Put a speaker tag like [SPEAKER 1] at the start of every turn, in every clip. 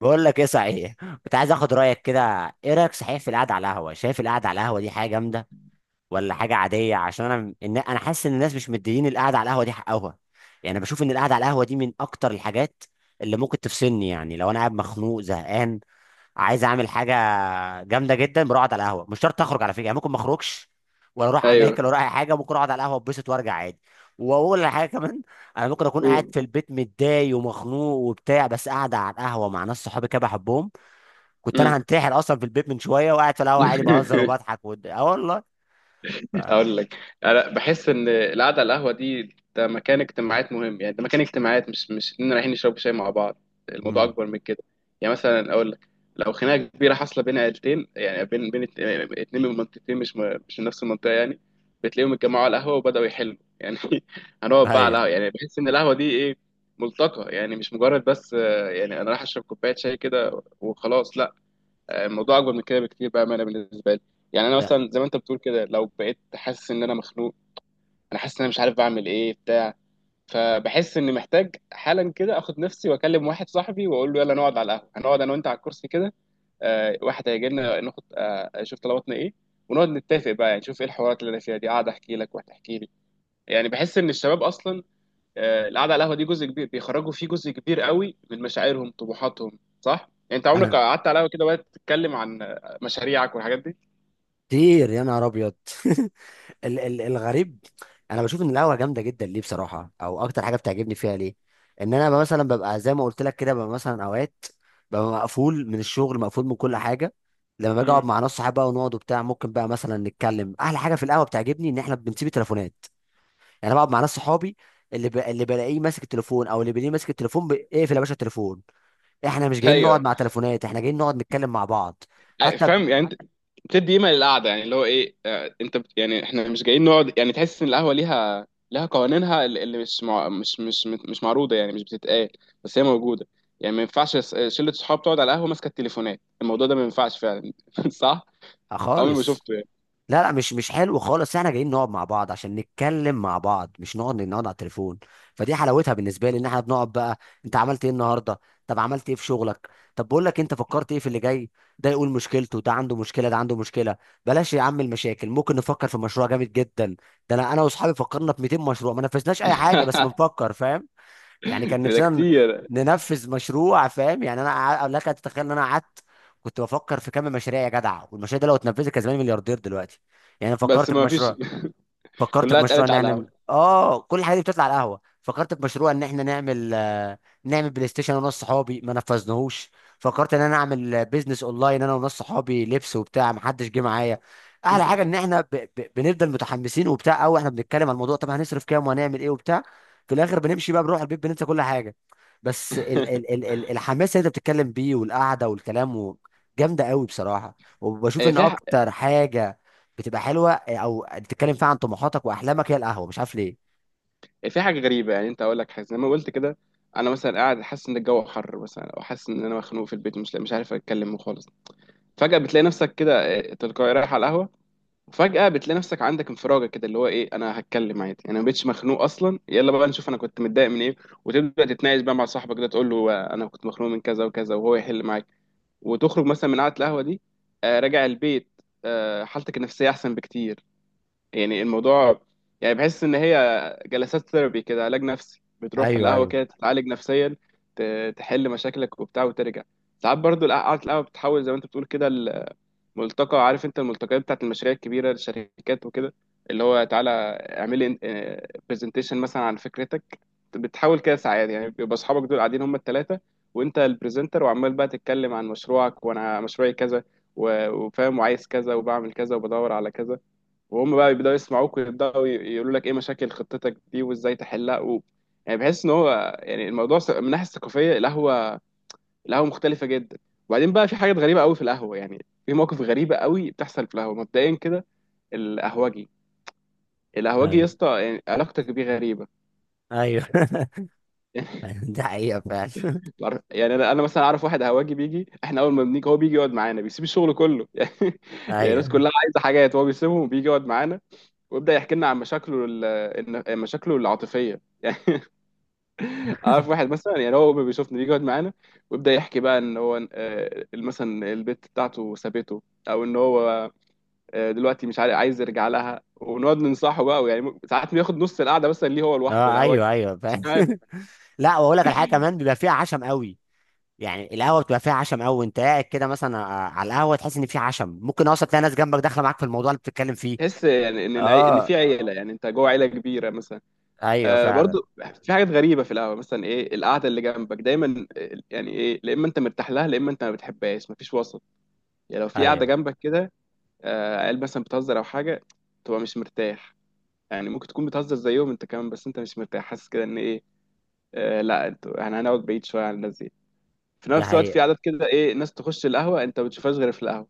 [SPEAKER 1] بقول لك ايه صحيح. كنت عايز اخد رايك كده. ايه رايك صحيح في القعده على القهوه؟ شايف القعده على القهوه دي حاجه جامده ولا حاجه عاديه؟ عشان انا انا حاسس ان الناس مش مديين القعده على القهوه دي حقها. يعني أنا بشوف ان القعده على القهوه دي من اكتر الحاجات اللي ممكن تفصلني. يعني لو انا قاعد مخنوق زهقان عايز اعمل حاجه جامده جدا، بروح اقعد على القهوه. مش شرط اخرج على فكره، يعني ممكن ما اخرجش ولا اروح
[SPEAKER 2] ايوه،
[SPEAKER 1] اماكن ولا اي حاجه، ممكن اقعد على القهوه اتبسط وارجع عادي. واقول على حاجه كمان، انا ممكن اكون قاعد
[SPEAKER 2] قول.
[SPEAKER 1] في البيت متضايق ومخنوق وبتاع، بس قاعد على القهوه مع ناس صحابي كده بحبهم. كنت
[SPEAKER 2] مم.
[SPEAKER 1] انا هنتحر اصلا في البيت من شويه، وقاعد في القهوه عادي بهزر وبضحك اه والله. ف،
[SPEAKER 2] اقول لك، انا بحس ان القعده على القهوه دي ده مكان اجتماعات مهم. يعني ده مكان اجتماعات، مش اننا رايحين نشرب شاي مع بعض. الموضوع
[SPEAKER 1] امم،
[SPEAKER 2] اكبر من كده. يعني مثلا اقول لك، لو خناقه كبيره حاصله بين عيلتين، يعني بين اتنين من منطقتين، مش من نفس المنطقه يعني. بتلاقيهم اتجمعوا على القهوه وبداوا يحلوا يعني. هنقعد بقى على
[SPEAKER 1] ايوه،
[SPEAKER 2] القهوه. يعني بحس ان القهوه دي ايه؟ ملتقى. يعني مش مجرد بس يعني انا رايح اشرب كوبايه شاي كده وخلاص، لا. الموضوع اكبر من كده بكتير بقى، انا بالنسبه لي. يعني انا
[SPEAKER 1] لا،
[SPEAKER 2] مثلا زي ما انت بتقول كده، لو بقيت حاسس ان انا مخنوق، انا حاسس ان انا مش عارف بعمل ايه بتاع. فبحس اني محتاج حالا كده اخد نفسي واكلم واحد صاحبي واقول له يلا نقعد على القهوه. هنقعد انا وانت على الكرسي كده، واحد هيجي لنا ناخد اشوف طلباتنا ايه، ونقعد نتفق بقى. يعني نشوف ايه الحوارات اللي انا فيها دي، قاعد احكي لك وهتحكي لي. يعني بحس ان الشباب اصلا القعده على القهوه دي جزء كبير بيخرجوا فيه جزء كبير قوي من مشاعرهم، طموحاتهم، صح؟ يعني انت عمرك
[SPEAKER 1] انا
[SPEAKER 2] قعدت على القهوه كده وقت تتكلم عن مشاريعك والحاجات دي؟
[SPEAKER 1] كتير يا نهار ابيض. الغريب، انا بشوف ان القهوه جامده جدا ليه بصراحه. او اكتر حاجه بتعجبني فيها ليه ان انا بقى مثلا ببقى زي ما قلت لك كده، ببقى مثلا اوقات مقفول من الشغل مقفول من كل حاجه. لما باجي اقعد
[SPEAKER 2] امم.
[SPEAKER 1] مع ناس صحابي بقى ونقعد وبتاع، ممكن بقى مثلا نتكلم. احلى حاجه في القهوه بتعجبني ان احنا بنسيب التليفونات. يعني انا بقعد مع ناس صحابي، اللي بلاقيه ماسك التليفون، او اللي بلاقيه ماسك التليفون اقفل يا باشا التليفون، احنا مش جايين نقعد
[SPEAKER 2] ايوه.
[SPEAKER 1] مع تليفونات، احنا جايين نقعد نتكلم مع بعض. حتى
[SPEAKER 2] فاهم يعني انت بتدي قيمه للقعده. يعني اللي هو ايه انت بت... يعني احنا مش جايين نقعد. يعني تحس ان القهوه لها قوانينها، اللي مش مع... مش مش مش معروضه يعني مش بتتقال، بس هي موجوده. يعني ما ينفعش شله صحاب تقعد على القهوه ماسكه التليفونات. الموضوع ده ما ينفعش فعلا. صح؟
[SPEAKER 1] آه
[SPEAKER 2] عمري ما
[SPEAKER 1] خالص.
[SPEAKER 2] شفته يعني.
[SPEAKER 1] لا لا، مش حلو خالص، احنا جايين نقعد مع بعض عشان نتكلم مع بعض، مش نقعد على التليفون. فدي حلاوتها بالنسبه لي، ان احنا بنقعد بقى: انت عملت ايه النهارده؟ طب عملت ايه في شغلك؟ طب بقول لك، انت فكرت ايه في اللي جاي؟ ده يقول مشكلته، ده عنده مشكله، ده عنده مشكله. بلاش يا عم المشاكل، ممكن نفكر في مشروع جامد جدا. ده انا واصحابي فكرنا في 200 مشروع ما نفذناش اي حاجه، بس بنفكر فاهم؟ يعني كان
[SPEAKER 2] ده
[SPEAKER 1] نفسنا
[SPEAKER 2] كتير.
[SPEAKER 1] ننفذ مشروع، فاهم يعني انا لك ان تتخيل ان انا قعدت كنت بفكر في كم مشاريع يا جدع. والمشاريع دي لو اتنفذت كان زماني ملياردير دلوقتي. يعني أنا
[SPEAKER 2] بس
[SPEAKER 1] فكرت
[SPEAKER 2] ما فيش.
[SPEAKER 1] بمشروع، فكرت في
[SPEAKER 2] كلها
[SPEAKER 1] مشروع
[SPEAKER 2] اتقالت على
[SPEAKER 1] نعمل
[SPEAKER 2] القهوة.
[SPEAKER 1] اه كل الحاجات دي بتطلع على القهوه. فكرت في مشروع ان احنا نعمل، نعمل بلاي ستيشن انا وناس صحابي ما نفذناهوش. فكرت ان انا اعمل بيزنس اونلاين انا وناس صحابي لبس وبتاع، ما حدش جه معايا. احلى حاجه ان احنا بنفضل متحمسين وبتاع، او احنا بنتكلم على الموضوع طب هنصرف كام وهنعمل ايه وبتاع. في الاخر بنمشي بقى بنروح البيت بننسى كل حاجه. بس الحماس اللي انت بتتكلم بيه والقعده والكلام جامده قوي بصراحه. وبشوف
[SPEAKER 2] آه،
[SPEAKER 1] ان
[SPEAKER 2] في ح-
[SPEAKER 1] اكتر حاجه بتبقى حلوه، او بتتكلم فيها عن طموحاتك واحلامك، هي القهوه، مش عارف ليه.
[SPEAKER 2] في حاجة غريبة، يعني انت اقول لك حاجة زي ما قلت كده. انا مثلا قاعد حاسس ان الجو حر مثلا، او حاسس ان انا مخنوق في البيت، مش عارف اتكلم خالص. فجأة بتلاقي نفسك كده تلقائي رايح على القهوة. وفجأة بتلاقي نفسك عندك انفراجة كده، اللي هو ايه انا هتكلم عادي، انا ما بقتش مخنوق اصلا، يلا بقى نشوف انا كنت متضايق من ايه. وتبدأ تتناقش بقى مع صاحبك ده، تقول له انا كنت مخنوق من كذا وكذا، وهو يحل معاك. وتخرج مثلا من قعدة القهوة دي راجع البيت، حالتك النفسية احسن بكتير. يعني الموضوع، يعني بحس ان هي جلسات ثيرابي كده، علاج نفسي. بتروح
[SPEAKER 1] ايوه،
[SPEAKER 2] القهوه
[SPEAKER 1] ايوه،
[SPEAKER 2] كده تتعالج نفسيا، تحل مشاكلك وبتاع وترجع. ساعات برضو قعدة القهوه بتحول زي ما انت بتقول كده، الملتقى. عارف انت الملتقيات بتاعت المشاريع الكبيره، الشركات وكده، اللي هو تعالى اعمل لي برزنتيشن مثلا عن فكرتك. بتحاول كده ساعات. يعني بيبقى اصحابك دول قاعدين هم الثلاثه، وانت البرزنتر، وعمال بقى تتكلم عن مشروعك وانا مشروعي كذا، و- وفاهم وعايز كذا وبعمل كذا وبدور على كذا، وهم بقى يبداوا يسمعوك ويبداوا يقولوا لك ايه مشاكل خطتك دي وازاي تحلها و... يعني بحس ان هو يعني الموضوع من الناحيه الثقافيه، القهوه، القهوه مختلفه جدا. وبعدين بقى في حاجات غريبه قوي في القهوه، يعني في مواقف غريبه قوي بتحصل في القهوه. مبدئيا كده، القهوجي، القهوجي يا
[SPEAKER 1] ايوه،
[SPEAKER 2] اسطى، يعني علاقتك بيه غريبه.
[SPEAKER 1] ايوه.
[SPEAKER 2] يعني
[SPEAKER 1] دي حقيقه فعلا.
[SPEAKER 2] يعني انا مثلا اعرف واحد قهوجي بيجي، احنا اول ما بنيجي هو بيجي يقعد معانا، بيسيب الشغل كله. يعني، يعني الناس
[SPEAKER 1] ايوه،
[SPEAKER 2] كلها عايزه حاجات، هو بيسيبهم وبيجي يقعد معانا، ويبدا يحكي لنا عن مشاكله مشاكله العاطفيه. عارف واحد مثلا، يعني هو بيشوفني بيجي يقعد معانا، ويبدا يحكي بقى ان هو مثلا البت بتاعته سابته، او ان هو دلوقتي مش عارف عايز يرجع لها. ونقعد ننصحه بقى، ويعني ساعات بياخد نص القعده مثلا ليه هو لوحده،
[SPEAKER 1] اه،
[SPEAKER 2] لا هو
[SPEAKER 1] ايوه، ايوه
[SPEAKER 2] مش
[SPEAKER 1] فاهم.
[SPEAKER 2] عارف.
[SPEAKER 1] لا، واقول لك على حاجه كمان، بيبقى فيها عشم قوي. يعني القهوه بتبقى فيها عشم قوي، وانت قاعد كده مثلا على القهوه تحس ان في عشم، ممكن اصلا تلاقي ناس جنبك داخله معاك في الموضوع اللي بتتكلم فيه.
[SPEAKER 2] تحس يعني ان ان
[SPEAKER 1] اه،
[SPEAKER 2] في عيله، يعني انت جوه عيله كبيره مثلا.
[SPEAKER 1] ايوه فعلا.
[SPEAKER 2] برضو في حاجات غريبه في القهوه. مثلا ايه القعده اللي جنبك دايما يعني ايه، لا اما انت مرتاح لها، لا اما انت ما بتحبهاش، مفيش وسط. يعني لو في قعده
[SPEAKER 1] ايوه
[SPEAKER 2] جنبك كده عيال مثلا بتهزر او حاجه، تبقى مش مرتاح. يعني ممكن تكون بتهزر زيهم انت كمان، بس انت مش مرتاح، حاسس كده ان ايه، لا انتوا، احنا هنقعد بعيد شويه عن الناس دي. في
[SPEAKER 1] دي
[SPEAKER 2] نفس الوقت
[SPEAKER 1] حقيقة.
[SPEAKER 2] في عادات كده، ايه ناس تخش القهوه انت ما بتشوفهاش غير في القهوه،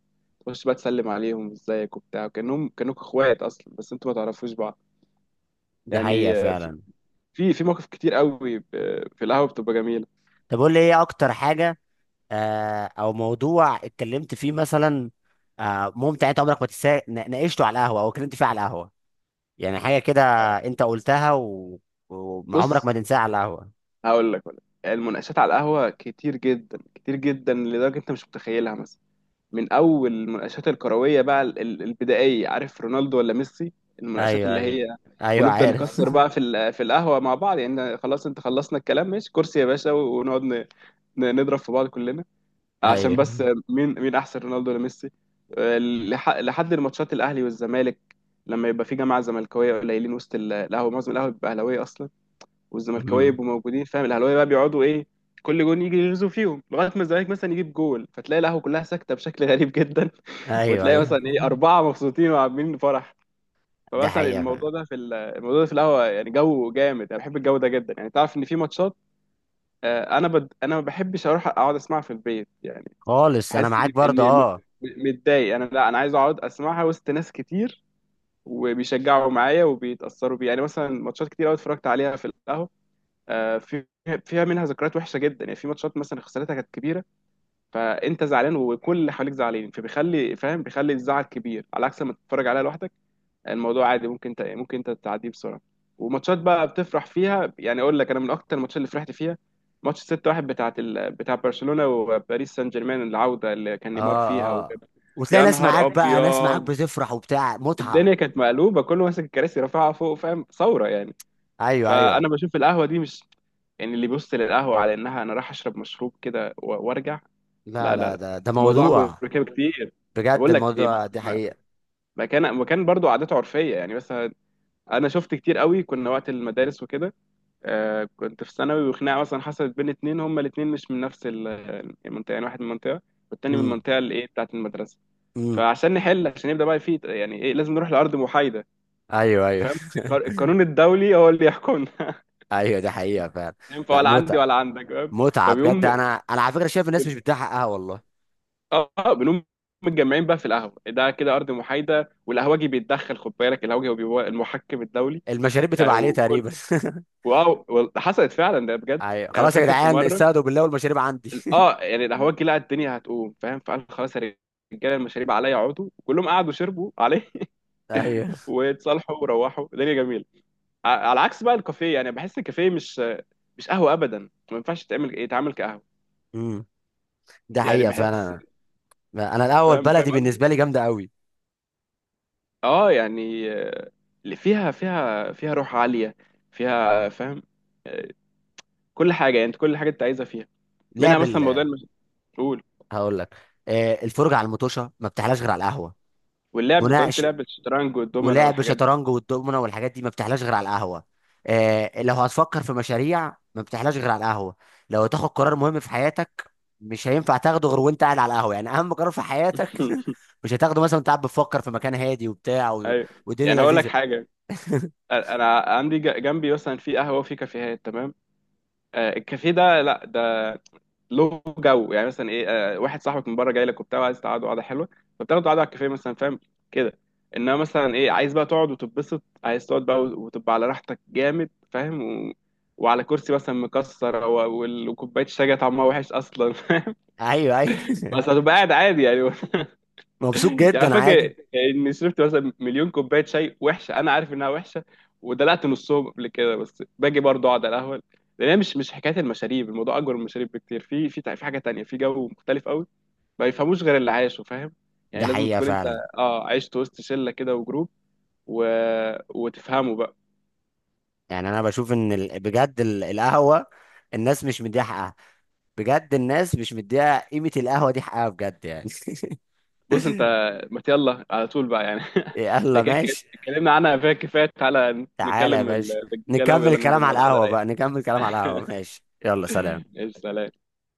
[SPEAKER 2] تخش بقى تسلم عليهم ازيك وبتاع، كانهم كانوك اخوات اصلا بس انتوا ما تعرفوش بعض.
[SPEAKER 1] دي حقيقة
[SPEAKER 2] يعني آه،
[SPEAKER 1] فعلا.
[SPEAKER 2] في في مواقف كتير قوي في القهوه بتبقى جميله.
[SPEAKER 1] طب قول لي ايه اكتر حاجه، او موضوع اتكلمت فيه مثلا، ممتع، انت عمرك ما تنساه ناقشته على القهوه او اتكلمت فيه على القهوه. يعني حاجه كده انت قلتها وعمرك
[SPEAKER 2] بص
[SPEAKER 1] ما تنساها على القهوه.
[SPEAKER 2] هقول لك ولا؟ المناقشات على القهوه كتير جدا، كتير جدا، لدرجه انت مش متخيلها. مثلا، من اول المناقشات الكرويه بقى البدائيه، عارف، رونالدو ولا ميسي. المناقشات
[SPEAKER 1] ايوه،
[SPEAKER 2] اللي
[SPEAKER 1] ايوه،
[SPEAKER 2] هي،
[SPEAKER 1] ايوه
[SPEAKER 2] ونفضل
[SPEAKER 1] عارف.
[SPEAKER 2] نكسر بقى في في القهوه مع بعض. يعني خلاص انت خلصنا الكلام، ماشي كرسي يا باشا، ونقعد نضرب في بعض كلنا عشان
[SPEAKER 1] ايوه.
[SPEAKER 2] بس مين، مين احسن، رونالدو ولا ميسي؟ لحد الماتشات الاهلي والزمالك، لما يبقى في جماعه زملكاويه قليلين وسط القهوه، معظم القهوه بتبقى اهلاويه اصلا، والزملكاويه
[SPEAKER 1] مم.
[SPEAKER 2] يبقوا موجودين. فاهم؟ الاهلاويه بقى بيقعدوا ايه؟ كل جون يجي يغزوا فيهم، لغايه ما الزمالك مثلا يجيب جول، فتلاقي القهوه كلها ساكته بشكل غريب جدا.
[SPEAKER 1] ايوه،
[SPEAKER 2] وتلاقي
[SPEAKER 1] ايوه،
[SPEAKER 2] مثلا ايه اربعه مبسوطين وعاملين فرح.
[SPEAKER 1] ده
[SPEAKER 2] فمثلا
[SPEAKER 1] حقيقه فعلا.
[SPEAKER 2] الموضوع ده في الموضوع ده في القهوه يعني جو جامد، انا بحب الجو ده جدا. يعني تعرف ان في ماتشات انا ما بحبش اروح اقعد اسمعها في البيت. يعني
[SPEAKER 1] خالص انا
[SPEAKER 2] بحس
[SPEAKER 1] معاك
[SPEAKER 2] ان
[SPEAKER 1] برضه
[SPEAKER 2] اني
[SPEAKER 1] اه.
[SPEAKER 2] متضايق. انا لا، انا عايز اقعد اسمعها وسط ناس كتير، وبيشجعوا معايا وبيتاثروا بيها. يعني مثلا ماتشات كتير قوي اتفرجت عليها في القهوه، آه، في فيها، منها ذكريات وحشه جدا. يعني في ماتشات مثلا خسارتها كانت كبيره، فانت زعلان وكل اللي حواليك زعلانين، فبيخلي، فاهم، بيخلي الزعل كبير، على عكس لما تتفرج عليها لوحدك الموضوع عادي، ممكن انت تعديه بسرعه. وماتشات بقى بتفرح فيها. يعني اقول لك، انا من اكتر الماتشات اللي فرحت فيها، ماتش 6-1 بتاعت بتاع برشلونه وباريس سان جيرمان، العوده اللي كان نيمار
[SPEAKER 1] اه،
[SPEAKER 2] فيها
[SPEAKER 1] اه،
[SPEAKER 2] وجاب.
[SPEAKER 1] وتلاقي
[SPEAKER 2] يا
[SPEAKER 1] ناس معاك
[SPEAKER 2] نهار
[SPEAKER 1] بقى، ناس معاك
[SPEAKER 2] ابيض.
[SPEAKER 1] بتفرح وبتاع، متعه.
[SPEAKER 2] الدنيا كانت مقلوبه، كله ماسك الكراسي رافعها فوق، فاهم؟ ثوره يعني.
[SPEAKER 1] ايوه،
[SPEAKER 2] فانا
[SPEAKER 1] ايوه.
[SPEAKER 2] بشوف القهوه دي مش، يعني اللي بيبص للقهوه على انها انا رايح اشرب مشروب كده وارجع،
[SPEAKER 1] لا
[SPEAKER 2] لا لا
[SPEAKER 1] لا،
[SPEAKER 2] لا،
[SPEAKER 1] ده ده
[SPEAKER 2] الموضوع اكبر
[SPEAKER 1] موضوع،
[SPEAKER 2] من كده بكتير.
[SPEAKER 1] بجد
[SPEAKER 2] بقول لك، دي
[SPEAKER 1] الموضوع دي
[SPEAKER 2] مك-
[SPEAKER 1] حقيقه.
[SPEAKER 2] مكان مكان برضو عاداته عرفيه. يعني مثلا انا شفت كتير قوي كنا وقت المدارس وكده، آه كنت في ثانوي، وخناقه مثلا حصلت بين اتنين، هما الاتنين مش من نفس المنطقه، يعني واحد من المنطقه والتاني من
[SPEAKER 1] امم.
[SPEAKER 2] المنطقه الايه بتاعت المدرسه.
[SPEAKER 1] امم.
[SPEAKER 2] فعشان نحل، عشان يبدا بقى في يعني ايه، لازم نروح لارض محايده.
[SPEAKER 1] ايوه، ايوه.
[SPEAKER 2] فاهم؟ القانون الدولي هو اللي يحكمنا،
[SPEAKER 1] ايوه، دي حقيقه فعلا.
[SPEAKER 2] ينفع
[SPEAKER 1] لا
[SPEAKER 2] ولا عندي
[SPEAKER 1] متعه،
[SPEAKER 2] ولا عندك، فاهم؟
[SPEAKER 1] متعه بجد.
[SPEAKER 2] فبيقوم
[SPEAKER 1] انا على فكره شايف الناس
[SPEAKER 2] بن-
[SPEAKER 1] مش بتديها حقها والله.
[SPEAKER 2] اه بنقوم متجمعين بقى في القهوه. ده كده ارض محايده. والقهوجي بيتدخل، خد بالك، القهوجي هو بيبقى المحكم الدولي،
[SPEAKER 1] المشاريب
[SPEAKER 2] يعني.
[SPEAKER 1] بتبقى عليه
[SPEAKER 2] وكل،
[SPEAKER 1] تقريبا.
[SPEAKER 2] واو حصلت فعلا ده، بجد.
[SPEAKER 1] ايوه،
[SPEAKER 2] يعني انا
[SPEAKER 1] خلاص يا
[SPEAKER 2] فاكر في
[SPEAKER 1] جدعان
[SPEAKER 2] مره،
[SPEAKER 1] استهدوا بالله والمشاريب عندي.
[SPEAKER 2] اه، يعني القهوجي لقى الدنيا هتقوم، فاهم، فقال خلاص يا رجاله، المشاريب عليا، اقعدوا. كلهم قعدوا شربوا عليه.
[SPEAKER 1] ايوه.
[SPEAKER 2] واتصالحوا وروحوا، الدنيا جميله. على عكس بقى الكافيه، يعني بحس الكافيه مش قهوه ابدا، ما ينفعش تعمل يتعامل كقهوه.
[SPEAKER 1] امم. ده
[SPEAKER 2] يعني
[SPEAKER 1] حقيقه
[SPEAKER 2] بحس،
[SPEAKER 1] فعلا. أنا الاول
[SPEAKER 2] فاهم،
[SPEAKER 1] بلدي
[SPEAKER 2] فاهم،
[SPEAKER 1] بالنسبه لي جامده قوي.
[SPEAKER 2] اه يعني اللي فيها روح عالية، فيها، فاهم. آه، كل حاجة، يعني انت كل حاجة انت عايزها فيها. منها
[SPEAKER 1] لعب
[SPEAKER 2] مثلا موضوع المسؤول،
[SPEAKER 1] هقول لك، الفرجه على المطوشه ما بتحلاش غير على القهوه.
[SPEAKER 2] واللعب، انت قلت
[SPEAKER 1] مناقش
[SPEAKER 2] لعب الشطرنج والدومنة
[SPEAKER 1] ولعب
[SPEAKER 2] والحاجات دي.
[SPEAKER 1] شطرنج والدومنه والحاجات دي ما بتحلاش غير على القهوه. آه لو هتفكر في مشاريع ما بتحلاش غير على القهوه. لو هتاخد قرار مهم في حياتك مش هينفع تاخده غير وانت قاعد على القهوه، يعني اهم قرار في حياتك. مش هتاخده مثلا وانت قاعد بتفكر في مكان هادي وبتاع
[SPEAKER 2] ايوه.
[SPEAKER 1] والدنيا
[SPEAKER 2] يعني هقول لك
[SPEAKER 1] لذيذه.
[SPEAKER 2] حاجة، انا عندي جنبي مثلا في قهوة وفي كافيهات تمام. الكافيه ده، لا ده له جو. يعني مثلا ايه، آه واحد صاحبك من بره جاي لك وبتاع، وعايز تقعدوا قعده حلوه، فبتاخدوا قعده على الكافيه مثلا، فاهم كده. انما مثلا ايه عايز بقى تقعد وتتبسط، عايز تقعد بقى وتبقى على راحتك جامد، فاهم، و... وعلى كرسي مثلا مكسر و... وكوبايه الشاي جاية طعمها وحش اصلا.
[SPEAKER 1] ايوه، ايوه،
[SPEAKER 2] بس هتبقى قاعد عادي يعني.
[SPEAKER 1] مبسوط
[SPEAKER 2] يعني
[SPEAKER 1] جدا عادي.
[SPEAKER 2] فاكر اني شربت مثلا مليون كوبايه شاي وحشه، انا عارف انها وحشه، ودلقت نصهم قبل كده، بس باجي برضه اقعد على القهوه، لان هي مش، مش حكايه المشاريب، الموضوع اكبر من المشاريب بكتير. في في حاجه تانية، في جو مختلف قوي ما يفهموش غير اللي عايشه، فاهم. يعني
[SPEAKER 1] ده
[SPEAKER 2] لازم
[SPEAKER 1] حقيقه
[SPEAKER 2] تكون انت
[SPEAKER 1] فعلا.
[SPEAKER 2] اه عشت وسط شله كده وجروب و... وتفهمه بقى.
[SPEAKER 1] يعني انا بشوف ان بجد القهوه الناس مش مديها حقها، بجد الناس مش مديها قيمه، القهوه دي حقها بجد يعني.
[SPEAKER 2] بص انت، ما يلا على طول بقى يعني. احنا
[SPEAKER 1] يلا
[SPEAKER 2] كده كده
[SPEAKER 1] ماشي،
[SPEAKER 2] اتكلمنا عنها فيها كفايه، تعالى
[SPEAKER 1] تعالى يا
[SPEAKER 2] نتكلم
[SPEAKER 1] باشا
[SPEAKER 2] الرجاله
[SPEAKER 1] نكمل
[SPEAKER 2] ويلا ننزل
[SPEAKER 1] الكلام على
[SPEAKER 2] نقعد قعده
[SPEAKER 1] القهوة
[SPEAKER 2] رايقه.
[SPEAKER 1] بقى، نكمل الكلام على القهوة، ماشي، يلا سلام.
[SPEAKER 2] ايش، سلام.